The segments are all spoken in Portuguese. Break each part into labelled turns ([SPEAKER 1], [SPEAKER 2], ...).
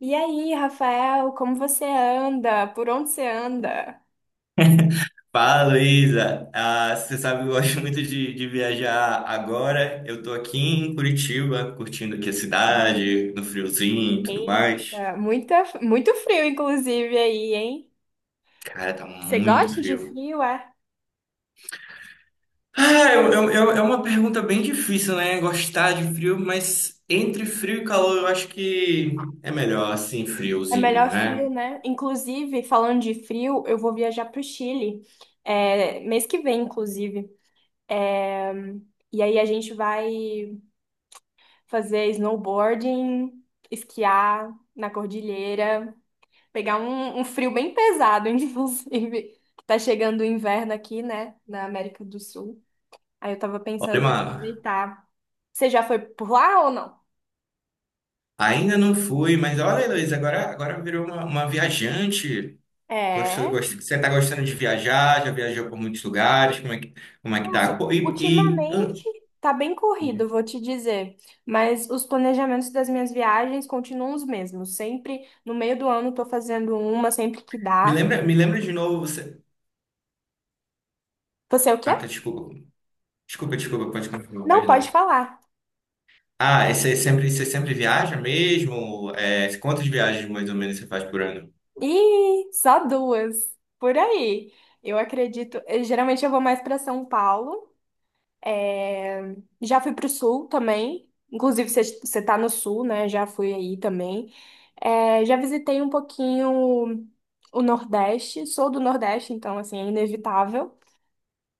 [SPEAKER 1] E aí, Rafael, como você anda? Por onde você anda?
[SPEAKER 2] Fala, Luísa. Ah, você sabe, que eu gosto muito de viajar agora. Eu tô aqui em Curitiba, curtindo aqui a cidade, no friozinho e tudo mais.
[SPEAKER 1] Eita, muito frio, inclusive, aí, hein?
[SPEAKER 2] Cara, tá
[SPEAKER 1] Você
[SPEAKER 2] muito
[SPEAKER 1] gosta de
[SPEAKER 2] frio.
[SPEAKER 1] frio, é?
[SPEAKER 2] Ah, é uma pergunta bem difícil, né? Gostar de frio, mas entre frio e calor, eu acho que é melhor assim,
[SPEAKER 1] É
[SPEAKER 2] friozinho,
[SPEAKER 1] melhor frio,
[SPEAKER 2] né?
[SPEAKER 1] né? Inclusive, falando de frio, eu vou viajar pro Chile, mês que vem, inclusive. É, e aí a gente vai fazer snowboarding, esquiar na cordilheira. Pegar um frio bem pesado, inclusive. Tá chegando o inverno aqui, né? Na América do Sul. Aí eu tava
[SPEAKER 2] Olha,
[SPEAKER 1] pensando em
[SPEAKER 2] mano,
[SPEAKER 1] aproveitar. Você já foi por lá ou não?
[SPEAKER 2] ainda não fui, mas olha, Luísa, agora virou uma viajante. Gostou,
[SPEAKER 1] É,
[SPEAKER 2] gostou, você está gostando de viajar? Já viajou por muitos lugares? Como é que tá?
[SPEAKER 1] nossa,
[SPEAKER 2] Pô.
[SPEAKER 1] ultimamente tá bem corrido, vou te dizer. Mas os planejamentos das minhas viagens continuam os mesmos. Sempre no meio do ano tô fazendo uma, sempre que
[SPEAKER 2] Me
[SPEAKER 1] dá.
[SPEAKER 2] lembra, de novo você.
[SPEAKER 1] Você é o quê?
[SPEAKER 2] Ah, tá, desculpa. Desculpa, desculpa, pode continuar,
[SPEAKER 1] Não pode
[SPEAKER 2] perdão.
[SPEAKER 1] falar.
[SPEAKER 2] Ah, e você sempre viaja mesmo? É, quantas viagens mais ou menos você faz por ano?
[SPEAKER 1] Ih, só duas. Por aí. Eu acredito. Geralmente eu vou mais para São Paulo. É, já fui pro sul também. Inclusive, você tá no sul, né? Já fui aí também. É, já visitei um pouquinho o Nordeste. Sou do Nordeste, então, assim, é inevitável.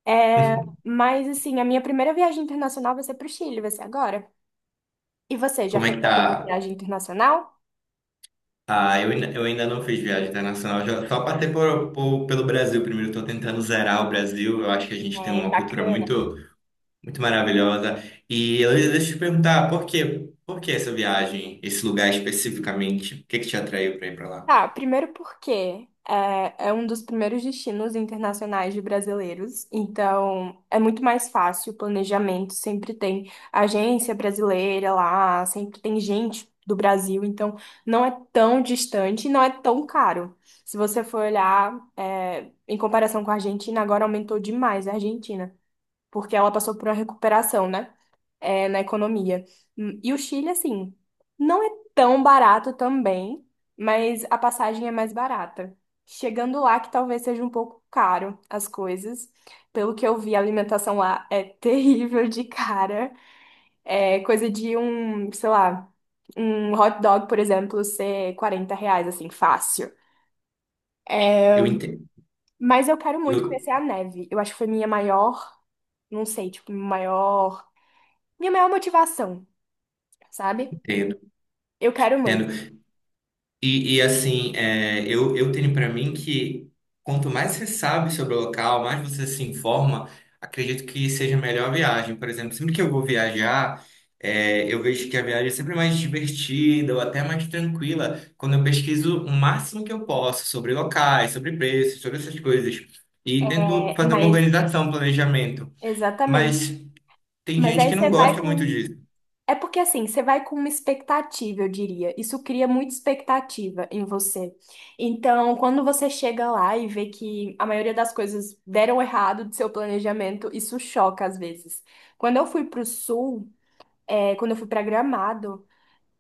[SPEAKER 1] É, mas, assim, a minha primeira viagem internacional vai ser pro Chile, vai ser agora. E você, já
[SPEAKER 2] Como é
[SPEAKER 1] fez
[SPEAKER 2] que
[SPEAKER 1] alguma
[SPEAKER 2] tá?
[SPEAKER 1] viagem internacional?
[SPEAKER 2] Ah, eu ainda não fiz viagem internacional, já, só passei pelo Brasil primeiro. Estou tentando zerar o Brasil. Eu acho que a gente tem
[SPEAKER 1] É
[SPEAKER 2] uma cultura
[SPEAKER 1] bacana.
[SPEAKER 2] muito maravilhosa. E Heloísa, deixa eu te perguntar, por quê? Por que essa viagem, esse lugar especificamente? O que que te atraiu para ir para lá?
[SPEAKER 1] Tá, primeiro porque é um dos primeiros destinos internacionais de brasileiros, então é muito mais fácil o planejamento, sempre tem agência brasileira lá, sempre tem gente do Brasil, então não é tão distante e não é tão caro. Se você for olhar, é, em comparação com a Argentina, agora aumentou demais a Argentina porque ela passou por uma recuperação, né? É, na economia. E o Chile, assim, não é tão barato também, mas a passagem é mais barata. Chegando lá, que talvez seja um pouco caro as coisas. Pelo que eu vi, a alimentação lá é terrível de cara. É coisa de um, sei lá, um hot dog, por exemplo, ser R$ 40, assim, fácil. É,
[SPEAKER 2] Eu entendo.
[SPEAKER 1] mas eu quero muito
[SPEAKER 2] Eu
[SPEAKER 1] conhecer a neve. Eu acho que foi minha maior, não sei, tipo, maior, minha maior motivação, sabe?
[SPEAKER 2] entendo.
[SPEAKER 1] Eu quero muito.
[SPEAKER 2] Entendo. E assim, eu tenho para mim que quanto mais você sabe sobre o local, mais você se informa, acredito que seja melhor a viagem. Por exemplo, sempre que eu vou viajar, eu vejo que a viagem é sempre mais divertida ou até mais tranquila quando eu pesquiso o máximo que eu posso sobre locais, sobre preços, sobre essas coisas. E tento
[SPEAKER 1] É,
[SPEAKER 2] fazer uma
[SPEAKER 1] mas,
[SPEAKER 2] organização, um planejamento.
[SPEAKER 1] exatamente.
[SPEAKER 2] Mas tem
[SPEAKER 1] Mas
[SPEAKER 2] gente
[SPEAKER 1] aí
[SPEAKER 2] que
[SPEAKER 1] você
[SPEAKER 2] não
[SPEAKER 1] vai
[SPEAKER 2] gosta muito
[SPEAKER 1] com.
[SPEAKER 2] disso.
[SPEAKER 1] É porque assim, você vai com uma expectativa, eu diria. Isso cria muita expectativa em você. Então, quando você chega lá e vê que a maioria das coisas deram errado do seu planejamento, isso choca às vezes. Quando eu fui pro sul, é, quando eu fui pra Gramado,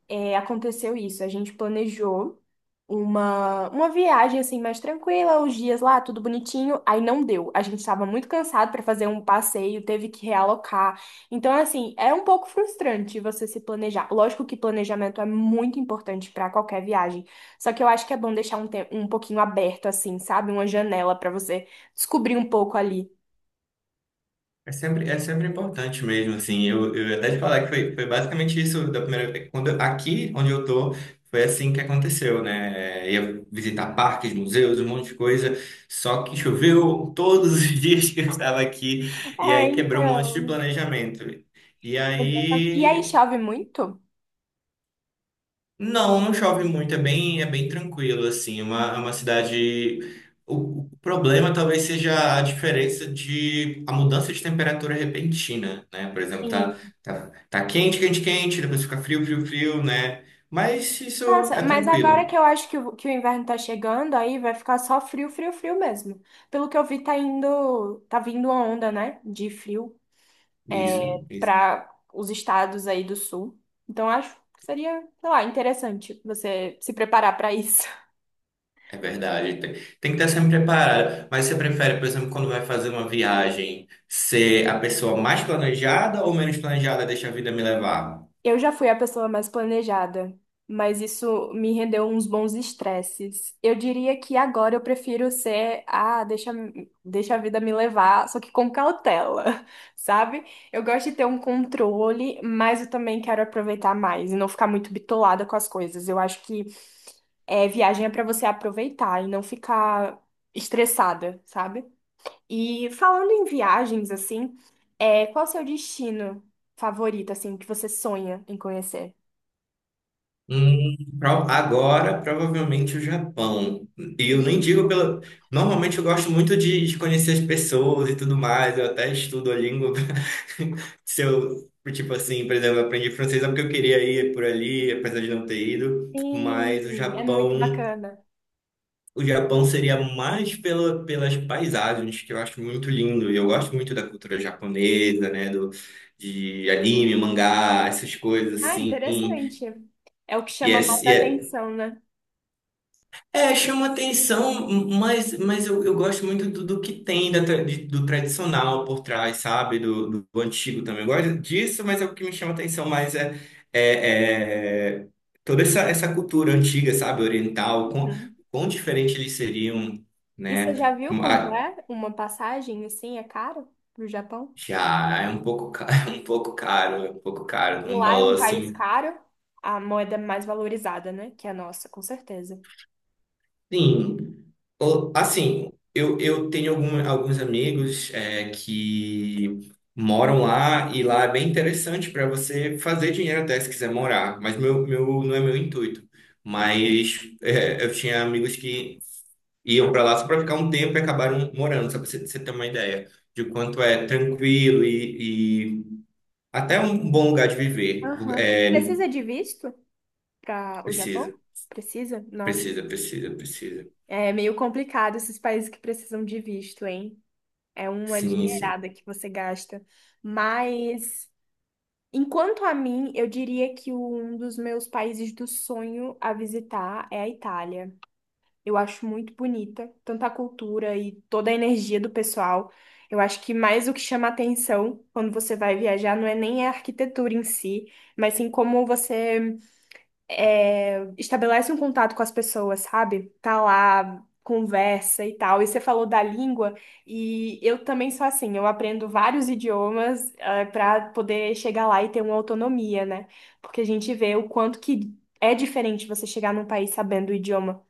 [SPEAKER 1] é, aconteceu isso. A gente planejou uma viagem assim mais tranquila, os dias lá, tudo bonitinho. Aí não deu. A gente estava muito cansado para fazer um passeio, teve que realocar. Então, assim, é um pouco frustrante você se planejar. Lógico que planejamento é muito importante para qualquer viagem. Só que eu acho que é bom deixar um, um pouquinho aberto, assim, sabe? Uma janela para você descobrir um pouco ali.
[SPEAKER 2] É sempre importante mesmo, assim, eu ia até te falar que foi basicamente isso da primeira vez, aqui onde eu tô, foi assim que aconteceu, né? Ia visitar parques, museus, um monte de coisa, só que choveu todos os dias que eu estava aqui, e
[SPEAKER 1] É,
[SPEAKER 2] aí quebrou um monte de
[SPEAKER 1] então.
[SPEAKER 2] planejamento. E
[SPEAKER 1] Exatamente. E aí
[SPEAKER 2] aí
[SPEAKER 1] chove muito?
[SPEAKER 2] não chove muito, é bem tranquilo, assim. É uma, é uma cidade. O problema talvez seja a diferença a mudança de temperatura repentina, né? Por exemplo, tá quente, quente, quente, depois fica frio, frio, frio, né? Mas isso
[SPEAKER 1] Nossa,
[SPEAKER 2] é
[SPEAKER 1] mas agora que
[SPEAKER 2] tranquilo,
[SPEAKER 1] eu acho que o inverno tá chegando, aí vai ficar só frio, frio, frio mesmo. Pelo que eu vi, tá indo, tá vindo uma onda, né, de frio
[SPEAKER 2] isso, isso.
[SPEAKER 1] para os estados aí do sul. Então acho que seria, sei lá, interessante você se preparar para isso.
[SPEAKER 2] É verdade, tem que estar sempre preparado. Mas você prefere, por exemplo, quando vai fazer uma viagem, ser a pessoa mais planejada ou menos planejada, deixa a vida me levar?
[SPEAKER 1] Eu já fui a pessoa mais planejada, mas isso me rendeu uns bons estresses. Eu diria que agora eu prefiro ser, ah, deixa, deixa a vida me levar, só que com cautela, sabe? Eu gosto de ter um controle, mas eu também quero aproveitar mais e não ficar muito bitolada com as coisas. Eu acho que é, viagem é para você aproveitar e não ficar estressada, sabe? E falando em viagens, assim, é, qual o seu destino favorito, assim, que você sonha em conhecer?
[SPEAKER 2] Agora, provavelmente o Japão. E eu nem digo
[SPEAKER 1] Japão.
[SPEAKER 2] pela. Normalmente eu gosto muito de conhecer as pessoas e tudo mais. Eu até estudo a língua. Se eu, tipo assim, por exemplo, eu aprendi francês é porque eu queria ir por ali, apesar de não ter ido. Mas o
[SPEAKER 1] Sim, é muito
[SPEAKER 2] Japão,
[SPEAKER 1] bacana.
[SPEAKER 2] o Japão seria mais pela, pelas paisagens, que eu acho muito lindo. E eu gosto muito da cultura japonesa, né? De anime, mangá, essas coisas
[SPEAKER 1] Ah,
[SPEAKER 2] assim.
[SPEAKER 1] interessante. É o que
[SPEAKER 2] E
[SPEAKER 1] chama mais
[SPEAKER 2] é,
[SPEAKER 1] atenção, né?
[SPEAKER 2] Chama atenção, mas eu gosto muito do que tem do tradicional por trás, sabe? Do antigo também. Eu gosto disso, mas é o que me chama atenção mais é, é toda essa cultura antiga, sabe? Oriental, quão,
[SPEAKER 1] Uhum.
[SPEAKER 2] quão diferente eles seriam,
[SPEAKER 1] E você
[SPEAKER 2] né?
[SPEAKER 1] já viu quanto
[SPEAKER 2] Ah,
[SPEAKER 1] é uma passagem, assim, é caro pro Japão?
[SPEAKER 2] já é um pouco, um pouco caro, é um pouco caro,
[SPEAKER 1] E
[SPEAKER 2] num
[SPEAKER 1] lá é
[SPEAKER 2] valor
[SPEAKER 1] um país
[SPEAKER 2] assim.
[SPEAKER 1] caro, a moeda mais valorizada, né? Que é a nossa, com certeza.
[SPEAKER 2] Sim. Assim, eu tenho algum, alguns amigos que moram lá, e lá é bem interessante para você fazer dinheiro até se quiser morar, mas não é meu intuito. Mas eu tinha amigos que iam para lá só para ficar um tempo e acabaram morando, só para você ter uma ideia de quanto é tranquilo e até um bom lugar de viver.
[SPEAKER 1] Aham.
[SPEAKER 2] É,
[SPEAKER 1] Precisa de visto para o Japão?
[SPEAKER 2] precisa,
[SPEAKER 1] Precisa? Nossa.
[SPEAKER 2] precisa, precisa, precisa.
[SPEAKER 1] É meio complicado esses países que precisam de visto, hein? É uma
[SPEAKER 2] Sim, sim.
[SPEAKER 1] dinheirada que você gasta. Mas, enquanto a mim, eu diria que um dos meus países do sonho a visitar é a Itália. Eu acho muito bonita, tanto a cultura e toda a energia do pessoal. Eu acho que mais o que chama atenção quando você vai viajar não é nem a arquitetura em si, mas sim como você é, estabelece um contato com as pessoas, sabe? Tá lá, conversa e tal. E você falou da língua, e eu também sou assim, eu aprendo vários idiomas, para poder chegar lá e ter uma autonomia, né? Porque a gente vê o quanto que é diferente você chegar num país sabendo o idioma.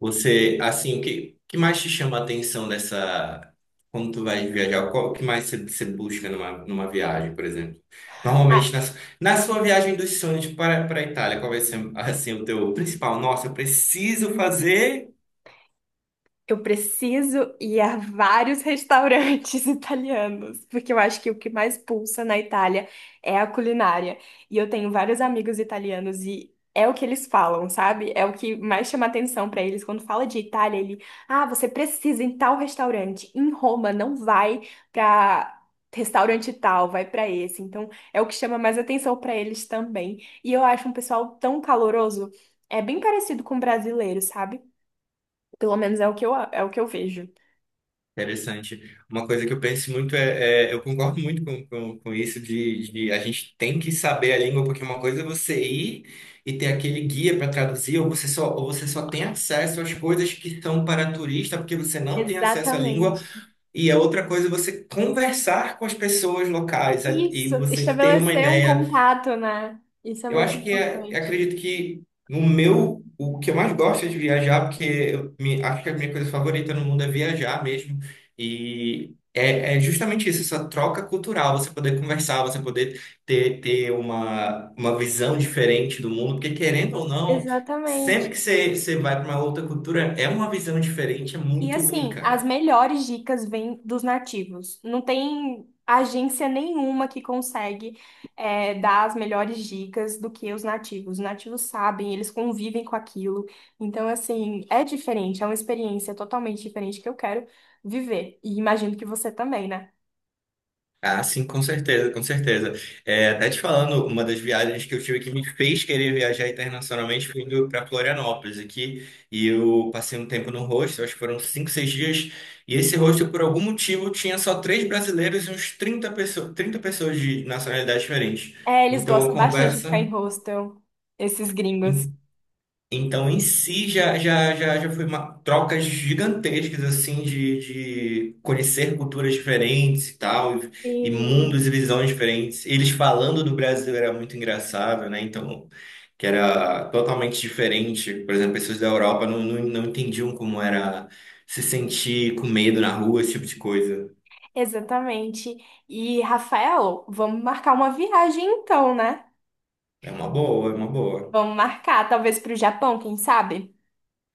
[SPEAKER 2] Você, assim, o que, que mais te chama a atenção dessa. Quando tu vai viajar, qual o que mais você busca numa viagem, por exemplo?
[SPEAKER 1] Ah,
[SPEAKER 2] Normalmente, na sua viagem dos sonhos para a Itália, qual vai ser, assim, o teu principal? Nossa, eu preciso fazer.
[SPEAKER 1] eu preciso ir a vários restaurantes italianos, porque eu acho que o que mais pulsa na Itália é a culinária. E eu tenho vários amigos italianos e é o que eles falam, sabe? É o que mais chama atenção pra eles quando fala de Itália, ele, ah, você precisa ir em tal restaurante. Em Roma não vai pra restaurante tal, vai pra esse. Então, é o que chama mais atenção pra eles também. E eu acho um pessoal tão caloroso, é bem parecido com o brasileiro, sabe? Pelo menos é o que eu vejo.
[SPEAKER 2] Interessante. Uma coisa que eu penso muito eu concordo muito com isso de a gente tem que saber a língua, porque uma coisa é você ir e ter aquele guia para traduzir, ou você só tem acesso às coisas que são para turista, porque você não tem acesso à língua.
[SPEAKER 1] Exatamente.
[SPEAKER 2] E a outra coisa é você conversar com as pessoas locais
[SPEAKER 1] Isso,
[SPEAKER 2] e você ter uma
[SPEAKER 1] estabelecer um
[SPEAKER 2] ideia.
[SPEAKER 1] contato, né? Isso é
[SPEAKER 2] Eu
[SPEAKER 1] muito
[SPEAKER 2] acho que eu
[SPEAKER 1] importante.
[SPEAKER 2] acredito que no meu, o que eu mais gosto é de viajar, porque eu acho que a minha coisa favorita no mundo é viajar mesmo. É justamente isso, essa troca cultural, você poder conversar, você poder ter uma visão diferente do mundo, porque querendo ou não, sempre
[SPEAKER 1] Exatamente.
[SPEAKER 2] que você vai para uma outra cultura, é uma visão diferente, é
[SPEAKER 1] E
[SPEAKER 2] muito
[SPEAKER 1] assim,
[SPEAKER 2] única.
[SPEAKER 1] as melhores dicas vêm dos nativos. Não tem agência nenhuma que consegue é, dar as melhores dicas do que os nativos. Os nativos sabem, eles convivem com aquilo. Então, assim, é diferente, é uma experiência totalmente diferente que eu quero viver. E imagino que você também, né?
[SPEAKER 2] Ah, sim, com certeza, com certeza. É, até te falando, uma das viagens que eu tive que me fez querer viajar internacionalmente foi indo para Florianópolis aqui. E eu passei um tempo no hostel, acho que foram 5, 6 dias. E esse hostel, por algum motivo, tinha só três brasileiros e uns trinta pessoas de nacionalidades diferentes.
[SPEAKER 1] É, eles
[SPEAKER 2] Então, a
[SPEAKER 1] gostam bastante de ficar em
[SPEAKER 2] conversa
[SPEAKER 1] hostel, esses gringos.
[SPEAKER 2] então, em si, já foi trocas gigantescas, assim, de conhecer culturas diferentes e tal, e mundos
[SPEAKER 1] Sim,
[SPEAKER 2] e visões diferentes. Eles falando do Brasil era muito engraçado, né? Então, que era totalmente diferente. Por exemplo, pessoas da Europa não entendiam como era se sentir com medo na rua, esse tipo de coisa.
[SPEAKER 1] exatamente. E, Rafael, vamos marcar uma viagem então, né?
[SPEAKER 2] É uma boa, é uma boa.
[SPEAKER 1] Vamos marcar, talvez para o Japão, quem sabe?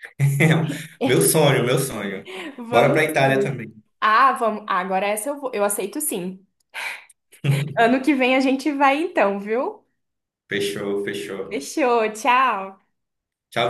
[SPEAKER 2] Meu sonho, meu sonho. Bora
[SPEAKER 1] Vamos
[SPEAKER 2] pra Itália
[SPEAKER 1] sim.
[SPEAKER 2] também.
[SPEAKER 1] Ah, vamos. Ah, agora essa eu vou. Eu aceito sim. Ano que vem a gente vai então, viu?
[SPEAKER 2] Fechou, fechou.
[SPEAKER 1] Fechou, tchau.
[SPEAKER 2] Tchau, tchau.